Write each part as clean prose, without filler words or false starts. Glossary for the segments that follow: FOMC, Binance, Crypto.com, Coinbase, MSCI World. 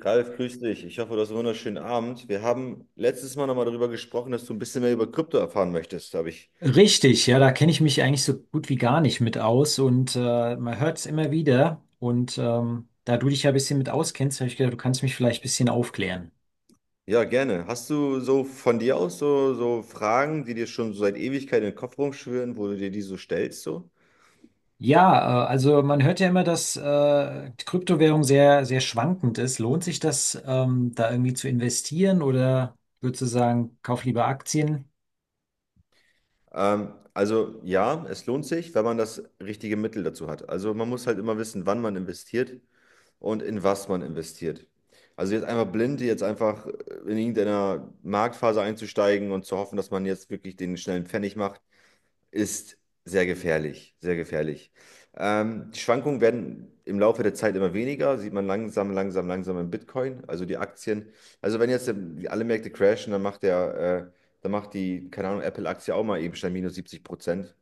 Ralf, grüß dich. Ich hoffe, du hast einen wunderschönen Abend. Wir haben letztes Mal nochmal darüber gesprochen, dass du ein bisschen mehr über Krypto erfahren möchtest, habe ich. Richtig, ja, da kenne ich mich eigentlich so gut wie gar nicht mit aus, und man hört es immer wieder. Und da du dich ja ein bisschen mit auskennst, habe ich gedacht, du kannst mich vielleicht ein bisschen aufklären. Ja, gerne. Hast du so von dir aus so, Fragen, die dir schon so seit Ewigkeit in den Kopf rumschwirren, wo du dir die so stellst, so? Ja, also man hört ja immer, dass die Kryptowährung sehr, sehr schwankend ist. Lohnt sich das, da irgendwie zu investieren, oder würdest du sagen, kauf lieber Aktien? Also ja, es lohnt sich, wenn man das richtige Mittel dazu hat. Also man muss halt immer wissen, wann man investiert und in was man investiert. Also jetzt einfach blind, jetzt einfach in irgendeiner Marktphase einzusteigen und zu hoffen, dass man jetzt wirklich den schnellen Pfennig macht, ist sehr gefährlich, sehr gefährlich. Die Schwankungen werden im Laufe der Zeit immer weniger, sieht man langsam, langsam, langsam im Bitcoin, also die Aktien. Also wenn jetzt alle Märkte crashen, äh, dann macht die, keine Ahnung, Apple-Aktie auch mal eben schnell minus 70%,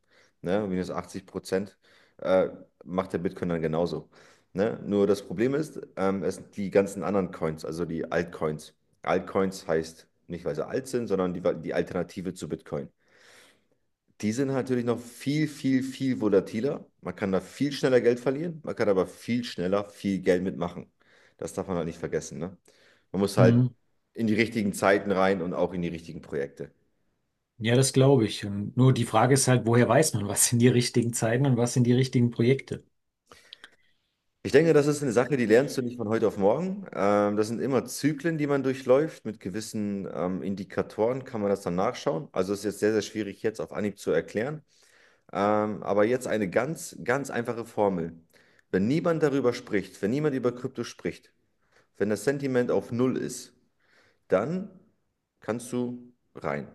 ne, minus 80%, äh, macht der Bitcoin dann genauso. Ne? Nur das Problem ist, es sind die ganzen anderen Coins, also die Altcoins. Altcoins heißt nicht, weil sie alt sind, sondern die Alternative zu Bitcoin. Die sind halt natürlich noch viel, viel, viel volatiler. Man kann da viel schneller Geld verlieren, man kann aber viel schneller viel Geld mitmachen. Das darf man halt nicht vergessen, ne? Man muss halt Hm. in die richtigen Zeiten rein und auch in die richtigen Projekte. Ja, das glaube ich. Und nur die Frage ist halt, woher weiß man, was sind die richtigen Zeiten und was sind die richtigen Projekte? Ich denke, das ist eine Sache, die lernst du nicht von heute auf morgen. Das sind immer Zyklen, die man durchläuft. Mit gewissen Indikatoren kann man das dann nachschauen. Also es ist jetzt sehr, sehr schwierig, jetzt auf Anhieb zu erklären. Aber jetzt eine ganz, ganz einfache Formel. Wenn niemand darüber spricht, wenn niemand über Krypto spricht, wenn das Sentiment auf Null ist, dann kannst du rein.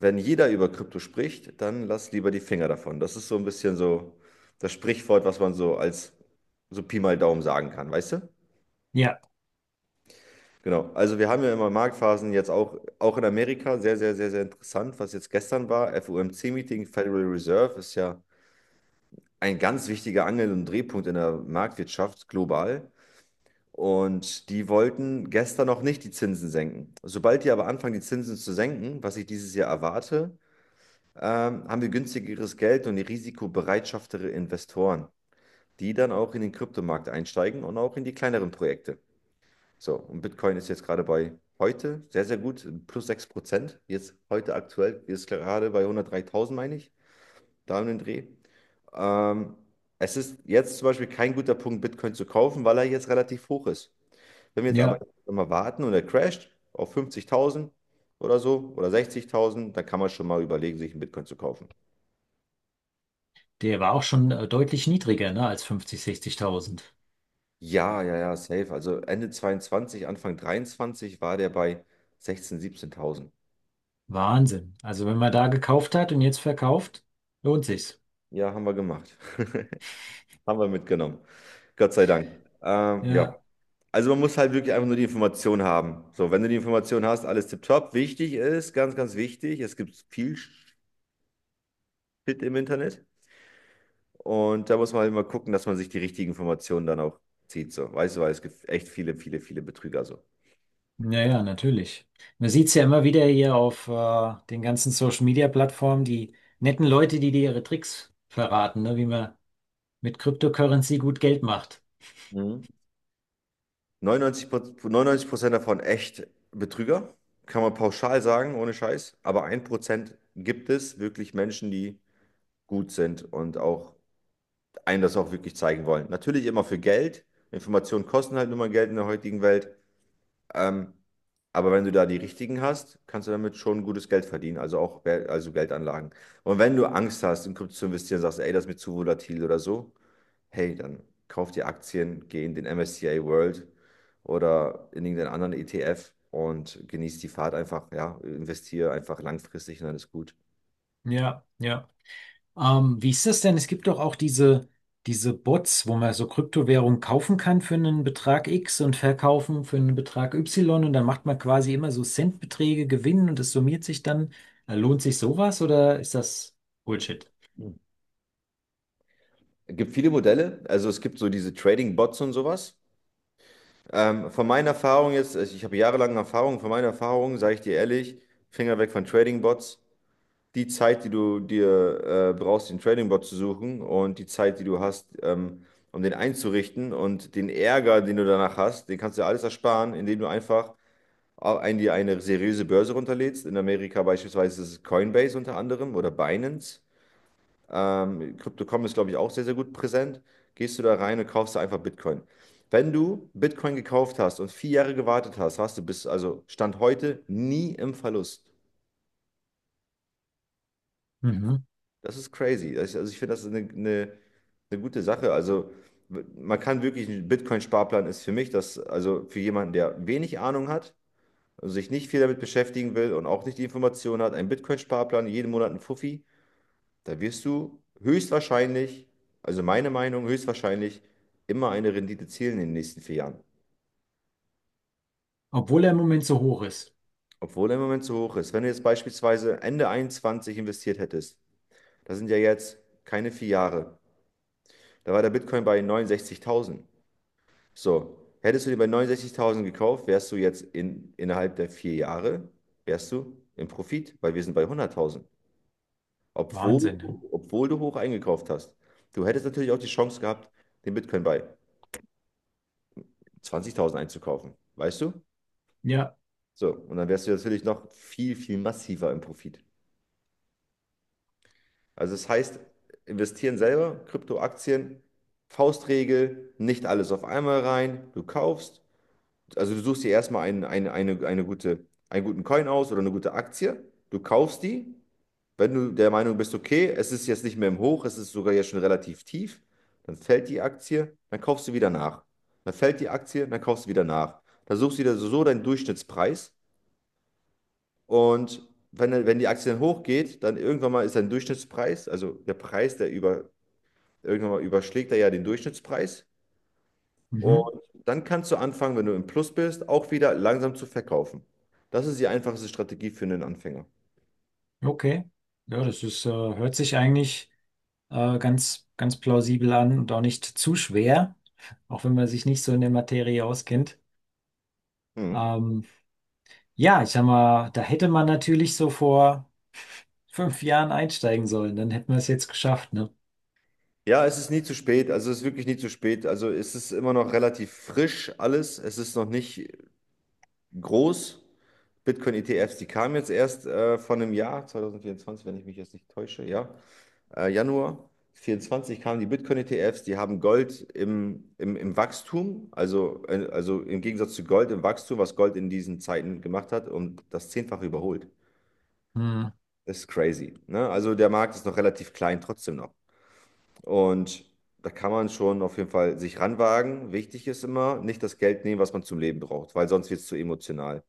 Wenn jeder über Krypto spricht, dann lass lieber die Finger davon. Das ist so ein bisschen so das Sprichwort, was man so als so Pi mal Daumen sagen kann, weißt du? Ja, Genau. Also wir haben ja immer Marktphasen jetzt auch, auch in Amerika, sehr, sehr, sehr, sehr interessant, was jetzt gestern war. FOMC-Meeting, Federal Reserve ist ja ein ganz wichtiger Angel- und Drehpunkt in der Marktwirtschaft global. Und die wollten gestern noch nicht die Zinsen senken. Sobald die aber anfangen, die Zinsen zu senken, was ich dieses Jahr erwarte, haben wir günstigeres Geld und risikobereitschaftere Investoren, die dann auch in den Kryptomarkt einsteigen und auch in die kleineren Projekte. So, und Bitcoin ist jetzt gerade bei heute sehr, sehr gut, plus 6%. Jetzt heute aktuell ist gerade bei 103.000, meine ich, da um den Dreh. Ähm, Es ist jetzt zum Beispiel kein guter Punkt, Bitcoin zu kaufen, weil er jetzt relativ hoch ist. Wenn wir jetzt aber ja. immer warten und er crasht auf 50.000 oder so oder 60.000, dann kann man schon mal überlegen, sich einen Bitcoin zu kaufen. Der war auch schon deutlich niedriger, ne, als 50, 60.000. Ja, ja, ja, safe. Also Ende 22, Anfang 23 war der bei 16.000, 17.000. Wahnsinn. Also wenn man da gekauft hat und jetzt verkauft, lohnt sich's. Ja, haben wir gemacht. Haben wir mitgenommen. Gott sei Dank. Ja, Ja, also man muss halt wirklich einfach nur die Information haben. So, wenn du die Information hast, alles tipptopp. Wichtig ist, ganz, ganz wichtig, es gibt viel Shit im Internet. Und da muss man halt immer gucken, dass man sich die richtigen Informationen dann auch zieht. So. Weißt du, weil es gibt echt viele, viele, viele Betrüger so. naja, natürlich. Man sieht's ja immer wieder hier auf den ganzen Social Media Plattformen, die netten Leute, die dir ihre Tricks verraten, ne, wie man mit Cryptocurrency gut Geld macht. Mhm. 99, 99% davon echt Betrüger, kann man pauschal sagen, ohne Scheiß. Aber 1% gibt es wirklich Menschen, die gut sind und auch einem das auch wirklich zeigen wollen. Natürlich immer für Geld. Informationen kosten halt nur mal Geld in der heutigen Welt. Ähm, aber wenn du da die richtigen hast, kannst du damit schon gutes Geld verdienen, also auch also Geldanlagen. Und wenn du Angst hast, in Krypto zu investieren, sagst, ey, das ist mir zu volatil oder so, hey, dann kauf dir Aktien, geh in den MSCI World oder in irgendeinen anderen ETF und genieß die Fahrt einfach, ja, investiere einfach langfristig und dann ist gut. Ja, ja. Wie ist das denn? Es gibt doch auch diese Bots, wo man so Kryptowährungen kaufen kann für einen Betrag X und verkaufen für einen Betrag Y, und dann macht man quasi immer so Centbeträge Gewinn, und das summiert sich dann. Lohnt sich sowas oder ist das Bullshit? Mhm. Es gibt viele Modelle, also es gibt so diese Trading-Bots und sowas. Von meiner Erfahrung jetzt, ich habe jahrelange Erfahrung, von meiner Erfahrung sage ich dir ehrlich, Finger weg von Trading-Bots. Die Zeit, die du dir brauchst, den Trading-Bot zu suchen, und die Zeit, die du hast, um den einzurichten, und den Ärger, den du danach hast, den kannst du dir alles ersparen, indem du einfach dir eine seriöse Börse runterlädst. In Amerika beispielsweise ist es Coinbase unter anderem oder Binance. Crypto.com ist, glaube ich, auch sehr, sehr gut präsent. Gehst du da rein und kaufst da einfach Bitcoin. Wenn du Bitcoin gekauft hast und 4 Jahre gewartet hast, hast du bis, also Stand heute, nie im Verlust. Mhm. Das ist crazy. Also ich finde, das ist eine gute Sache. Also man kann wirklich, ein Bitcoin-Sparplan ist für mich das, also für jemanden, der wenig Ahnung hat, also sich nicht viel damit beschäftigen will und auch nicht die Informationen hat, ein Bitcoin-Sparplan, jeden Monat ein Fuffi, da wirst du höchstwahrscheinlich, also meine Meinung, höchstwahrscheinlich immer eine Rendite zielen in den nächsten 4 Jahren. Obwohl er im Moment so hoch ist. Obwohl er im Moment so hoch ist. Wenn du jetzt beispielsweise Ende 21 investiert hättest, das sind ja jetzt keine 4 Jahre, da war der Bitcoin bei 69.000. So, hättest du den bei 69.000 gekauft, wärst du jetzt innerhalb der 4 Jahre, wärst du im Profit, weil wir sind bei 100.000, obwohl, Wahnsinn, ne? obwohl du hoch eingekauft hast. Du hättest natürlich auch die Chance gehabt, den Bitcoin bei 20.000 einzukaufen, weißt du? Ja. So, und dann wärst du natürlich noch viel, viel massiver im Profit. Also das heißt, investieren selber, Kryptoaktien, Faustregel, nicht alles auf einmal rein, du kaufst, also du suchst dir erstmal eine gute, einen guten Coin aus oder eine gute Aktie. Du kaufst die. Wenn du der Meinung bist, okay, es ist jetzt nicht mehr im Hoch, es ist sogar jetzt schon relativ tief, dann fällt die Aktie, dann kaufst du wieder nach. Dann fällt die Aktie, dann kaufst du wieder nach. Dann suchst du wieder so deinen Durchschnittspreis. Und wenn die Aktie dann hochgeht, dann irgendwann mal ist dein Durchschnittspreis, also der Preis, der über, irgendwann mal überschlägt er ja den Durchschnittspreis. Mhm. Und dann kannst du anfangen, wenn du im Plus bist, auch wieder langsam zu verkaufen. Das ist die einfachste Strategie für einen Anfänger. Okay. Ja, das ist, hört sich eigentlich ganz, ganz plausibel an und auch nicht zu schwer, auch wenn man sich nicht so in der Materie auskennt. Mhm. Ähm, Ja, ich sag mal, da hätte man natürlich so vor 5 Jahren einsteigen sollen, dann hätten wir es jetzt geschafft, ne? Ja, es ist nie zu spät. Also es ist wirklich nie zu spät. Also es ist immer noch relativ frisch alles. Es ist noch nicht groß. Bitcoin-ETFs, die kamen jetzt erst von einem Jahr, 2024, wenn ich mich jetzt nicht täusche, ja. Januar 24 kamen die Bitcoin-ETFs, die haben Gold im Wachstum, also im Gegensatz zu Gold im Wachstum, was Gold in diesen Zeiten gemacht hat, um das Zehnfache überholt. Hm. Das ist crazy. Ne? Also der Markt ist noch relativ klein, trotzdem noch. Und da kann man schon auf jeden Fall sich ranwagen. Wichtig ist immer, nicht das Geld nehmen, was man zum Leben braucht, weil sonst wird es zu emotional.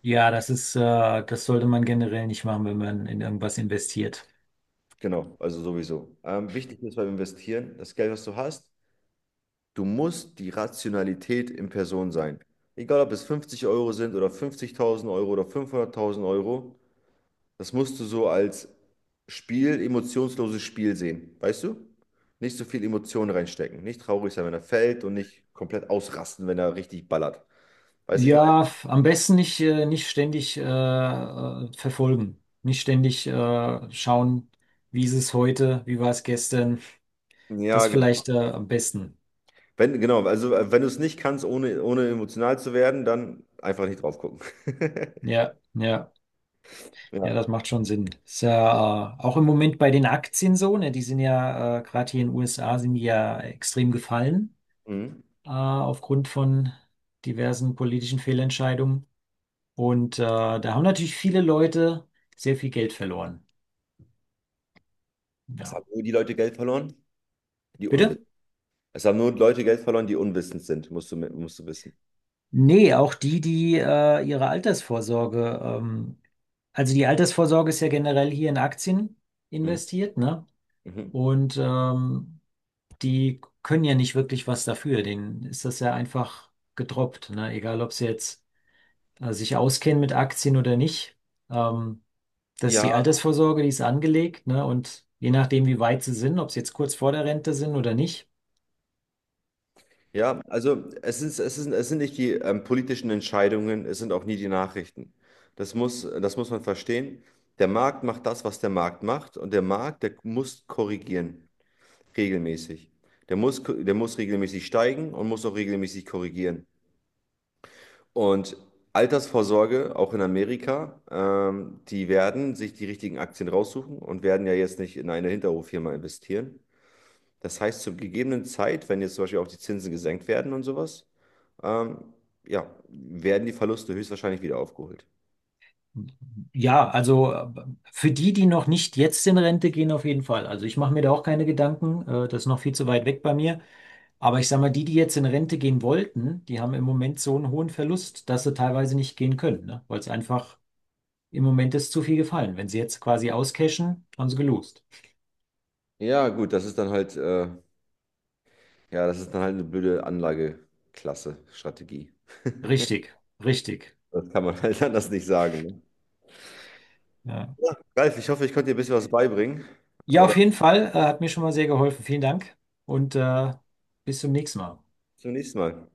Ja, das ist, das sollte man generell nicht machen, wenn man in irgendwas investiert. Genau, also sowieso. Wichtig ist beim Investieren, das Geld, was du hast. Du musst die Rationalität in Person sein. Egal, ob es 50 Euro sind oder 50.000 Euro oder 500.000 Euro, das musst du so als Spiel, emotionsloses Spiel sehen. Weißt du? Nicht so viel Emotionen reinstecken. Nicht traurig sein, wenn er fällt, und nicht komplett ausrasten, wenn er richtig ballert. Weißt du, ich Ja, f- am besten nicht, nicht ständig verfolgen, nicht ständig schauen, wie ist es heute, wie war es gestern. meine? Ja, Das genau. vielleicht am besten. Wenn, Genau, also wenn du es nicht kannst, ohne, emotional zu werden, dann einfach nicht drauf gucken. Ja, ja. Ja, Ja. das macht schon Sinn. Ist ja auch im Moment bei den Aktien so, ne? Die sind ja gerade hier in den USA sind die ja extrem gefallen Mhm. Aufgrund von diversen politischen Fehlentscheidungen. Und da haben natürlich viele Leute sehr viel Geld verloren. Es Ja. haben nur die Leute Geld verloren, die Bitte? unwissend. Es haben nur Leute Geld verloren, die unwissend sind, musst du wissen. Nee, auch die, die ihre Altersvorsorge, also die Altersvorsorge ist ja generell hier in Aktien Mhm. investiert, ne? Mhm. Und die können ja nicht wirklich was dafür. Denen ist das ja einfach gedroppt, ne? Egal, ob sie jetzt sich auskennen mit Aktien oder nicht. Ähm, das ist Ja, die Altersvorsorge, die ist angelegt, ne? Und je nachdem, wie weit sie sind, ob sie jetzt kurz vor der Rente sind oder nicht. ja, also es sind nicht die politischen Entscheidungen, es sind auch nie die Nachrichten. Das muss man verstehen. Der Markt macht das, was der Markt macht, und der Markt, der muss korrigieren, regelmäßig. Der muss regelmäßig steigen und muss auch regelmäßig korrigieren. Und Altersvorsorge, auch in Amerika, die werden sich die richtigen Aktien raussuchen und werden ja jetzt nicht in eine Hinterhoffirma investieren. Das heißt, zur gegebenen Zeit, wenn jetzt zum Beispiel auch die Zinsen gesenkt werden und sowas, ähm, ja, werden die Verluste höchstwahrscheinlich wieder aufgeholt. Ja, also für die, die noch nicht jetzt in Rente gehen, auf jeden Fall. Also ich mache mir da auch keine Gedanken, das ist noch viel zu weit weg bei mir. Aber ich sage mal, die, die jetzt in Rente gehen wollten, die haben im Moment so einen hohen Verlust, dass sie teilweise nicht gehen können, ne? Weil es einfach im Moment ist zu viel gefallen. Wenn sie jetzt quasi auscashen, haben sie gelost. Ja, gut, das ist dann halt, ja, das ist dann halt eine blöde Anlageklasse, Strategie. Richtig, richtig. Das kann man halt anders nicht sagen. Ne? Ja, Ja, Ralf, ich hoffe, ich konnte dir ein bisschen was beibringen. ja, Oder auf jeden Fall, hat mir schon mal sehr geholfen. Vielen Dank, und bis zum nächsten Mal. bis zum nächsten Mal.